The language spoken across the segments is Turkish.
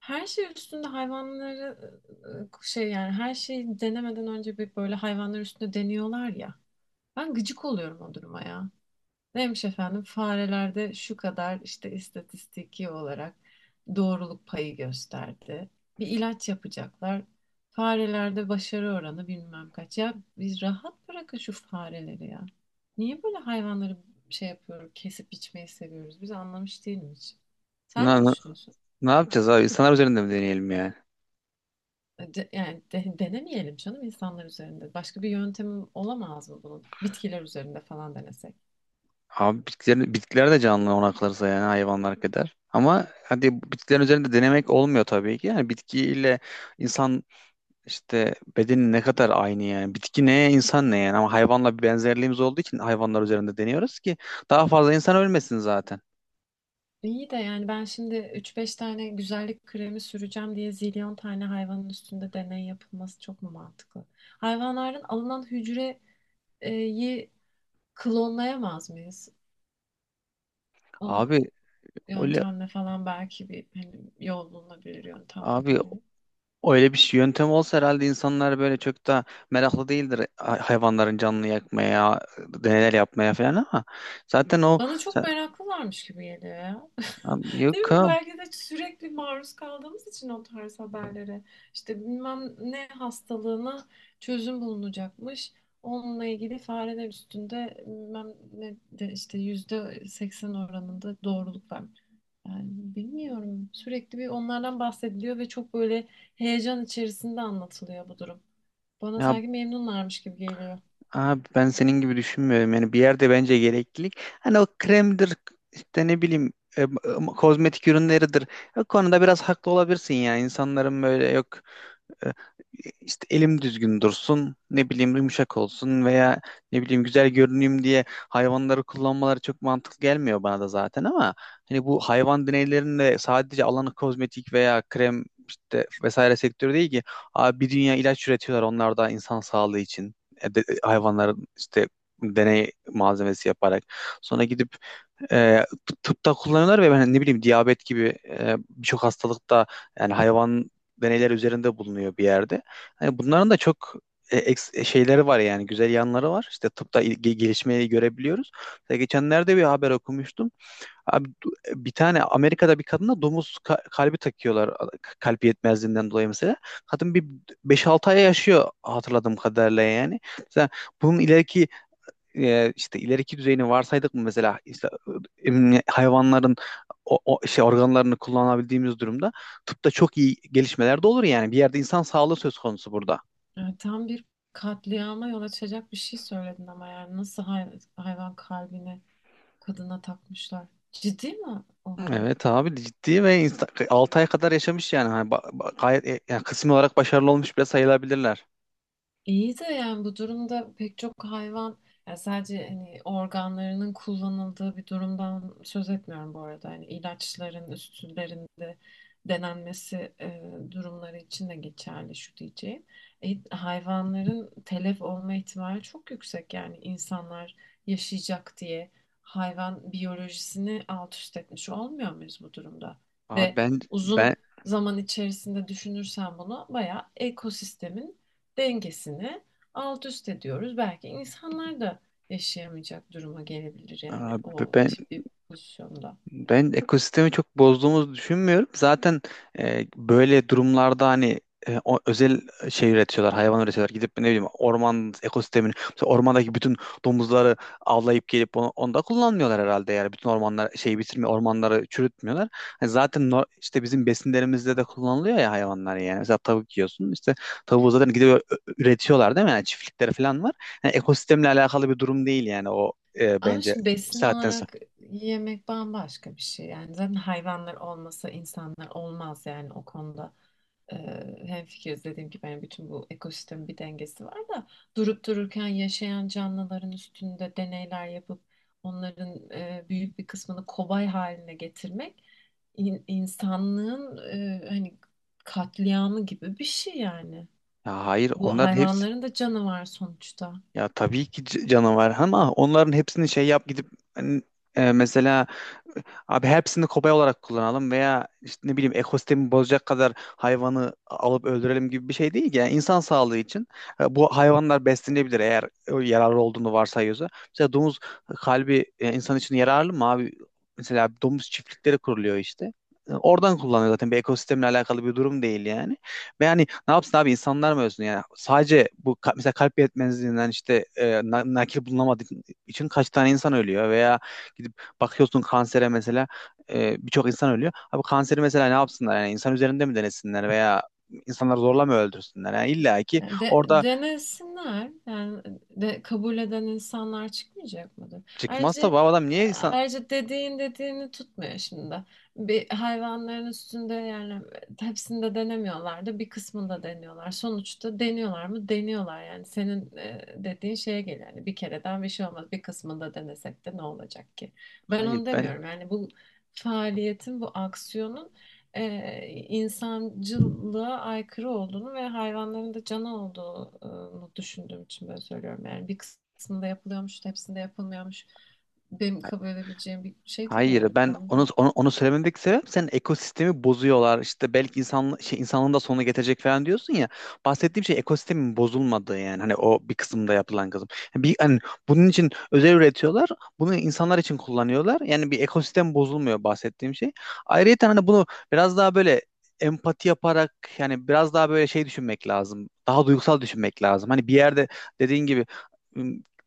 Her şey üstünde hayvanları yani her şeyi denemeden önce bir böyle hayvanlar üstünde deniyorlar ya. Ben gıcık oluyorum o duruma ya. Neymiş efendim farelerde şu kadar işte istatistiki olarak doğruluk payı gösterdi. Bir ilaç yapacaklar. Farelerde başarı oranı bilmem kaç. Ya biz rahat bırakın şu fareleri ya. Niye böyle hayvanları şey yapıyoruz, kesip biçmeyi seviyoruz? Biz anlamış değilim hiç. Sen ne Ne, ne, düşünüyorsun? ne, yapacağız abi? İnsanlar üzerinde mi deneyelim yani? Denemeyelim canım insanlar üzerinde. Başka bir yöntemim olamaz mı bunun? Bitkiler üzerinde falan denesek. Abi bitkiler de canlı ona kalırsa yani hayvanlar kadar. Ama hadi bitkilerin üzerinde denemek olmuyor tabii ki. Yani bitkiyle insan işte bedeni ne kadar aynı yani. Bitki ne, insan ne yani. Ama hayvanla bir benzerliğimiz olduğu için hayvanlar üzerinde deniyoruz ki daha fazla insan ölmesin zaten. İyi de yani ben şimdi üç beş tane güzellik kremi süreceğim diye zilyon tane hayvanın üstünde deney yapılması çok mu mantıklı? Hayvanların alınan hücreyi klonlayamaz mıyız? O Abi öyle yöntemle falan belki bir hani yol bulunabilir, yöntem abi bulunabilir. öyle yöntem olsa herhalde insanlar böyle çok da meraklı değildir hayvanların canını yakmaya, deneyler yapmaya falan ama zaten o... Bana çok meraklılarmış gibi geliyor ya. Abi, Değil yok mi? abi. Belki de sürekli maruz kaldığımız için o tarz haberlere. İşte bilmem ne hastalığına çözüm bulunacakmış. Onunla ilgili fareler üstünde bilmem ne de işte %80 oranında doğruluk var. Yani bilmiyorum. Sürekli bir onlardan bahsediliyor ve çok böyle heyecan içerisinde anlatılıyor bu durum. Bana Ya, sanki memnunlarmış gibi geliyor. abi ben senin gibi düşünmüyorum. Yani bir yerde bence gereklilik. Hani o kremdir işte ne bileyim kozmetik ürünleridir. O konuda biraz haklı olabilirsin ya. İnsanların böyle yok... E, işte elim düzgün dursun, ne bileyim yumuşak olsun veya ne bileyim güzel görüneyim diye hayvanları kullanmaları çok mantıklı gelmiyor bana da zaten. Ama hani bu hayvan deneylerinde sadece alanı kozmetik veya krem işte vesaire sektörü değil ki abi, bir dünya ilaç üretiyorlar onlar da insan sağlığı için. Hayvanların işte deney malzemesi yaparak sonra gidip e, tıpta kullanıyorlar, ve ben hani ne bileyim diyabet gibi birçok hastalıkta yani hayvan deneyler üzerinde bulunuyor bir yerde. Hani bunların da çok şeyleri var yani güzel yanları var. İşte tıpta gelişmeyi görebiliyoruz. Mesela geçenlerde bir haber okumuştum. Abi, bir tane Amerika'da bir kadına domuz kalbi takıyorlar kalp yetmezliğinden dolayı mesela. Kadın bir beş altı ay yaşıyor hatırladığım kadarıyla yani. Mesela bunun ileriki e, işte ileriki düzeyini varsaydık mı mesela işte, hayvanların o şey organlarını kullanabildiğimiz durumda tıpta çok iyi gelişmeler de olur yani, bir yerde insan sağlığı söz konusu burada. Yani tam bir katliama yol açacak bir şey söyledin ama yani nasıl hayvan kalbini kadına takmışlar. Ciddi mi o haber? Evet abi, ciddi. Ve 6 ay kadar yaşamış yani. Hani gayet yani kısmi olarak başarılı olmuş bile sayılabilirler. İyi de yani bu durumda pek çok hayvan yani sadece hani organlarının kullanıldığı bir durumdan söz etmiyorum bu arada. Hani ilaçların üstlerinde denenmesi durumları için de geçerli şu diyeceğim. Hayvanların telef olma ihtimali çok yüksek yani insanlar yaşayacak diye hayvan biyolojisini alt üst etmiş olmuyor muyuz bu durumda? Abi Ve ben uzun ben zaman içerisinde düşünürsen bunu bayağı ekosistemin dengesini alt üst ediyoruz. Belki insanlar da yaşayamayacak duruma gelebilir yani abi o ben tip bir pozisyonda. Ben ekosistemi çok bozduğumuzu düşünmüyorum. Zaten böyle durumlarda hani özel şey üretiyorlar, hayvan üretiyorlar. Gidip ne bileyim orman ekosistemini, mesela ormandaki bütün domuzları avlayıp gelip onu da kullanmıyorlar herhalde. Yani bütün ormanlar şeyi bitirmiyor, ormanları çürütmüyorlar. Hani zaten işte bizim besinlerimizde de kullanılıyor ya hayvanlar yani. Mesela tavuk yiyorsun. İşte tavuğu zaten gidip üretiyorlar değil mi? Yani çiftlikleri falan var. Yani ekosistemle alakalı bir durum değil yani o Ama bence şimdi bir besin saatten sonra. olarak yemek bambaşka bir şey. Yani zaten hayvanlar olmasa insanlar olmaz yani o konuda. Ee, Hemfikiriz dediğim gibi yani bütün bu ekosistemin bir dengesi var da durup dururken yaşayan canlıların üstünde deneyler yapıp onların büyük bir kısmını kobay haline getirmek insanlığın hani katliamı gibi bir şey yani. Ya hayır, Bu onların hepsi... hayvanların da canı var sonuçta. Ya tabii ki canavar, ama onların hepsini şey yap gidip hani, mesela abi hepsini kobay olarak kullanalım veya işte ne bileyim ekosistemi bozacak kadar hayvanı alıp öldürelim gibi bir şey değil ki. Yani insan sağlığı için bu hayvanlar beslenebilir eğer yararlı olduğunu varsayıyorsa. Mesela domuz kalbi insan için yararlı mı abi? Mesela domuz çiftlikleri kuruluyor işte. Oradan kullanıyor zaten, bir ekosistemle alakalı bir durum değil yani. Ve yani ne yapsın abi, insanlar mı ölsün yani? Sadece bu mesela kalp yetmezliğinden işte nakil bulunamadığı için kaç tane insan ölüyor, veya gidip bakıyorsun kansere mesela birçok insan ölüyor. Abi kanseri mesela ne yapsınlar? Yani insan üzerinde mi denesinler, veya insanları zorla mı öldürsünler? Yani illa ki Yani orada denesinler. Yani kabul eden insanlar çıkmayacak mıdır? çıkmazsa Ayrıca bu adam niye insan... ayrıca dediğin tutmuyor şimdi. Bir hayvanların üstünde yani hepsinde denemiyorlar da bir kısmında deniyorlar. Sonuçta deniyorlar mı? Deniyorlar yani. Senin dediğin şeye geliyor. Yani bir kereden bir şey olmaz. Bir kısmında denesek de ne olacak ki? Ben Hayır onu ben demiyorum. Yani bu faaliyetin, bu aksiyonun insancılığa aykırı olduğunu ve hayvanların da canı olduğunu düşündüğüm için böyle söylüyorum. Yani bir kısmında yapılıyormuş, hepsinde yapılmıyormuş. Benim kabul edebileceğim bir şey değil Hayır, yani ben konuda. onu söylememdeki sebep, senin ekosistemi bozuyorlar işte belki insan şey insanlığın da sonunu getirecek falan diyorsun ya, bahsettiğim şey ekosistemin bozulmadığı, yani hani o bir kısımda yapılan kısım. Yani bir hani bunun için özel üretiyorlar, bunu insanlar için kullanıyorlar, yani bir ekosistem bozulmuyor bahsettiğim şey. Ayrıca hani bunu biraz daha böyle empati yaparak, yani biraz daha böyle şey düşünmek lazım, daha duygusal düşünmek lazım hani. Bir yerde dediğin gibi,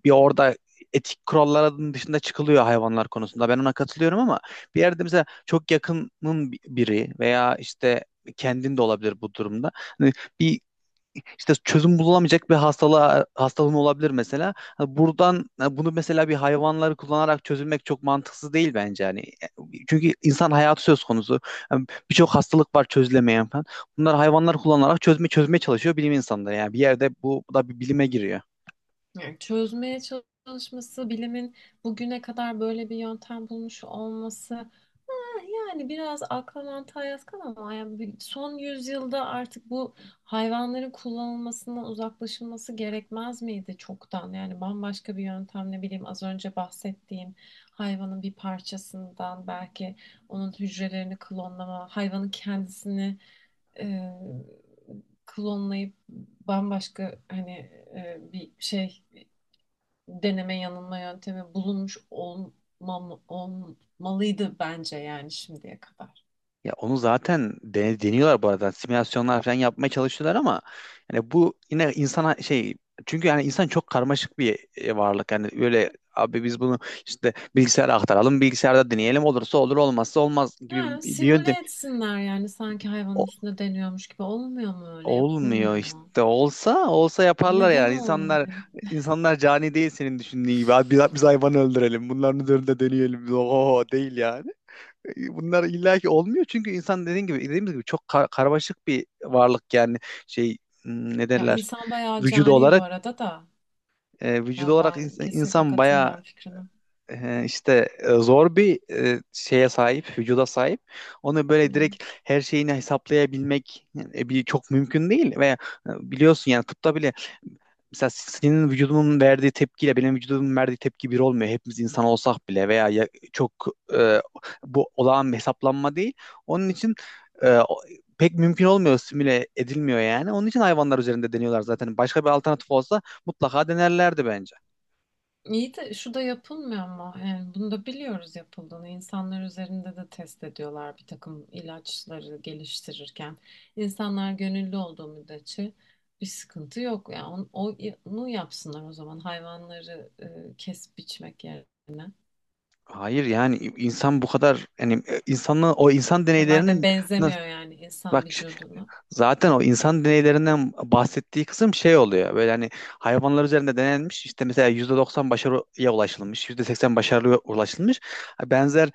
bir orada etik kuralların dışında çıkılıyor hayvanlar konusunda. Ben ona katılıyorum, ama bir yerde mesela çok yakının biri veya işte kendin de olabilir bu durumda. Hani bir işte çözüm bulamayacak bir hastalığın olabilir mesela. Hani buradan, hani bunu mesela bir hayvanları kullanarak çözülmek çok mantıksız değil bence hani. Çünkü insan hayatı söz konusu. Yani birçok hastalık var çözülemeyen falan. Bunlar hayvanlar kullanarak çözmeye çalışıyor bilim insanları. Yani bir yerde bu da bir bilime giriyor. Yani çözmeye çalışması, bilimin bugüne kadar böyle bir yöntem bulmuş olması, yani biraz akla mantığa yatkın ama yani son yüzyılda artık bu hayvanların kullanılmasından uzaklaşılması gerekmez miydi çoktan? Yani bambaşka bir yöntem ne bileyim az önce bahsettiğim hayvanın bir parçasından belki onun hücrelerini klonlama, hayvanın kendisini e, klonlayıp bambaşka hani bir şey deneme yanılma yöntemi olmalıydı bence yani şimdiye kadar. Ya onu zaten deniyorlar bu arada. Simülasyonlar falan yapmaya çalışıyorlar, ama yani bu yine insana şey, çünkü yani insan çok karmaşık bir varlık. Yani öyle abi, biz bunu işte bilgisayara aktaralım, bilgisayarda deneyelim, olursa olur olmazsa olmaz Ha, gibi bir yöntem. simüle etsinler yani sanki hayvanın O- üstünde deniyormuş gibi olmuyor mu, öyle Olmuyor yapılmıyor işte. mu? Olsa olsa yaparlar Neden yani. İnsanlar olmuyor? insanlar cani değil senin düşündüğün gibi. Abi biz hayvanı öldürelim, bunların üzerinde deneyelim. Oho, değil yani. Bunlar illaki olmuyor çünkü insan dediğin gibi, dediğimiz gibi çok karmaşık bir varlık yani. Şey ne Ya derler, insan bayağı vücudu cani bu olarak arada da. Vücudu Ya olarak ben insan, kesinlikle insan bayağı katılmıyorum fikrine. İşte zor bir şeye sahip vücuda sahip. Onu Hı. böyle direkt her şeyini hesaplayabilmek yani bir çok mümkün değil, ve biliyorsun yani, tıpta bile mesela senin vücudunun verdiği tepkiyle benim vücudumun verdiği tepki bir olmuyor. Hepimiz insan olsak bile, veya çok e, bu olağan bir hesaplanma değil. Onun için e, o- pek mümkün olmuyor, simüle edilmiyor yani. Onun için hayvanlar üzerinde deniyorlar zaten. Başka bir alternatif olsa mutlaka denerlerdi bence. İyi de şu da yapılmıyor mu? Yani bunu da biliyoruz yapıldığını. İnsanlar üzerinde de test ediyorlar bir takım ilaçları geliştirirken. İnsanlar gönüllü olduğu müddetçe bir sıkıntı yok. Yani onu yapsınlar o zaman hayvanları kesip biçmek yerine. Hayır yani insan bu kadar yani insanın o insan E, madem deneylerinin nasıl, benzemiyor yani insan bak... vücuduna. Zaten o insan deneylerinden bahsettiği kısım şey oluyor. Böyle hani hayvanlar üzerinde denenmiş, işte mesela %90 başarıya ulaşılmış, %80 başarıya ulaşılmış. Benzer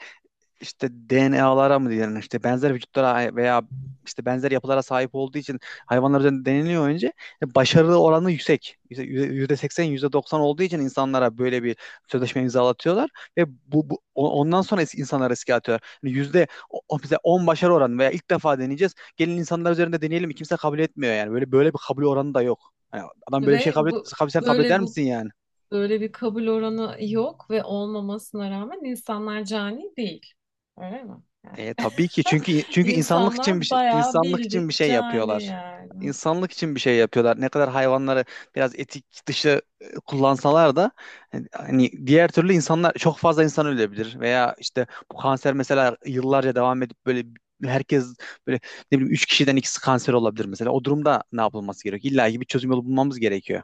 işte DNA'lara mı diyelim, işte benzer vücutlara veya işte benzer yapılara sahip olduğu için hayvanlar üzerinde deneniyor önce. Başarı oranı yüksek. Yüzde %80, %90 olduğu için insanlara böyle bir sözleşme imzalatıyorlar, ve ondan sonra insanlar riske atıyorlar. Yani yüzde bize 10 başarı oranı veya ilk defa deneyeceğiz, gelin insanlar üzerinde deneyelim. Kimse kabul etmiyor yani. Böyle böyle bir kabul oranı da yok. Yani adam böyle bir şey Ve kabul et, bu sen kabul böyle eder bu misin yani? böyle bir kabul oranı yok ve olmamasına rağmen insanlar cani değil. Öyle mi? Tabii ki, çünkü insanlık için bir İnsanlar şey, bayağı insanlık için bir bildik şey cani yapıyorlar. yani. İnsanlık için bir şey yapıyorlar. Ne kadar hayvanları biraz etik dışı kullansalar da hani diğer türlü insanlar çok fazla insan ölebilir, veya işte bu kanser mesela yıllarca devam edip böyle herkes böyle ne bileyim 3 kişiden ikisi kanser olabilir mesela. O durumda ne yapılması gerekiyor? İlla ki bir çözüm yolu bulmamız gerekiyor.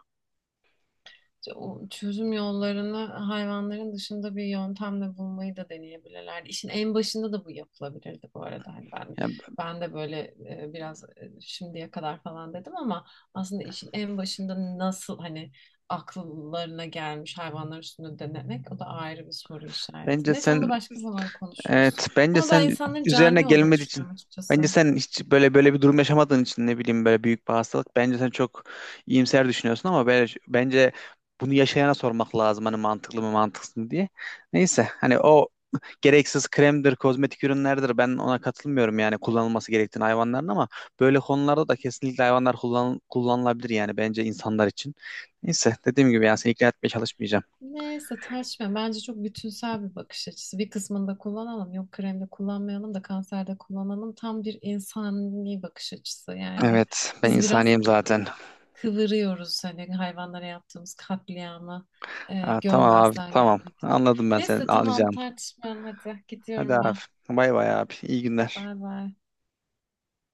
İşte o çözüm yollarını hayvanların dışında bir yöntemle bulmayı da deneyebilirlerdi. İşin en başında da bu yapılabilirdi bu arada. Hani ben Yani ben de böyle biraz şimdiye kadar falan dedim ama aslında işin en başında nasıl hani akıllarına gelmiş hayvanlar üstünde denemek, o da ayrı bir soru işareti. bence Neyse onu da sen başka zaman konuşuruz. Evet, bence Ama ben sen insanların üzerine cani olduğunu gelmediği için, düşünüyorum açıkçası. bence sen hiç böyle böyle bir durum yaşamadığın için ne bileyim, böyle büyük bir hastalık. Bence sen çok iyimser düşünüyorsun, ama böyle, bence bunu yaşayana sormak lazım hani, mantıklı mı mantıksız mı diye. Neyse hani o gereksiz kremdir, kozmetik ürünlerdir, ben ona katılmıyorum yani kullanılması gerektiğini hayvanların, ama böyle konularda da kesinlikle hayvanlar kullanılabilir yani bence insanlar için. Neyse, dediğim gibi yani seni ikna etmeye çalışmayacağım. Neyse tartışmayalım. Bence çok bütünsel bir bakış açısı. Bir kısmını da kullanalım. Yok kremde kullanmayalım da kanserde kullanalım. Tam bir insani bakış açısı yani. Evet, ben Biz biraz insaniyim e, e, zaten. kıvırıyoruz hani hayvanlara yaptığımız katliamı Ha, tamam abi, görmezden tamam. gelmek için. Anladım, ben seni Neyse tamam, anlayacağım. tartışmayalım hadi. Hadi Gidiyorum abi. ben. Bay bay abi. İyi günler. Bay bay.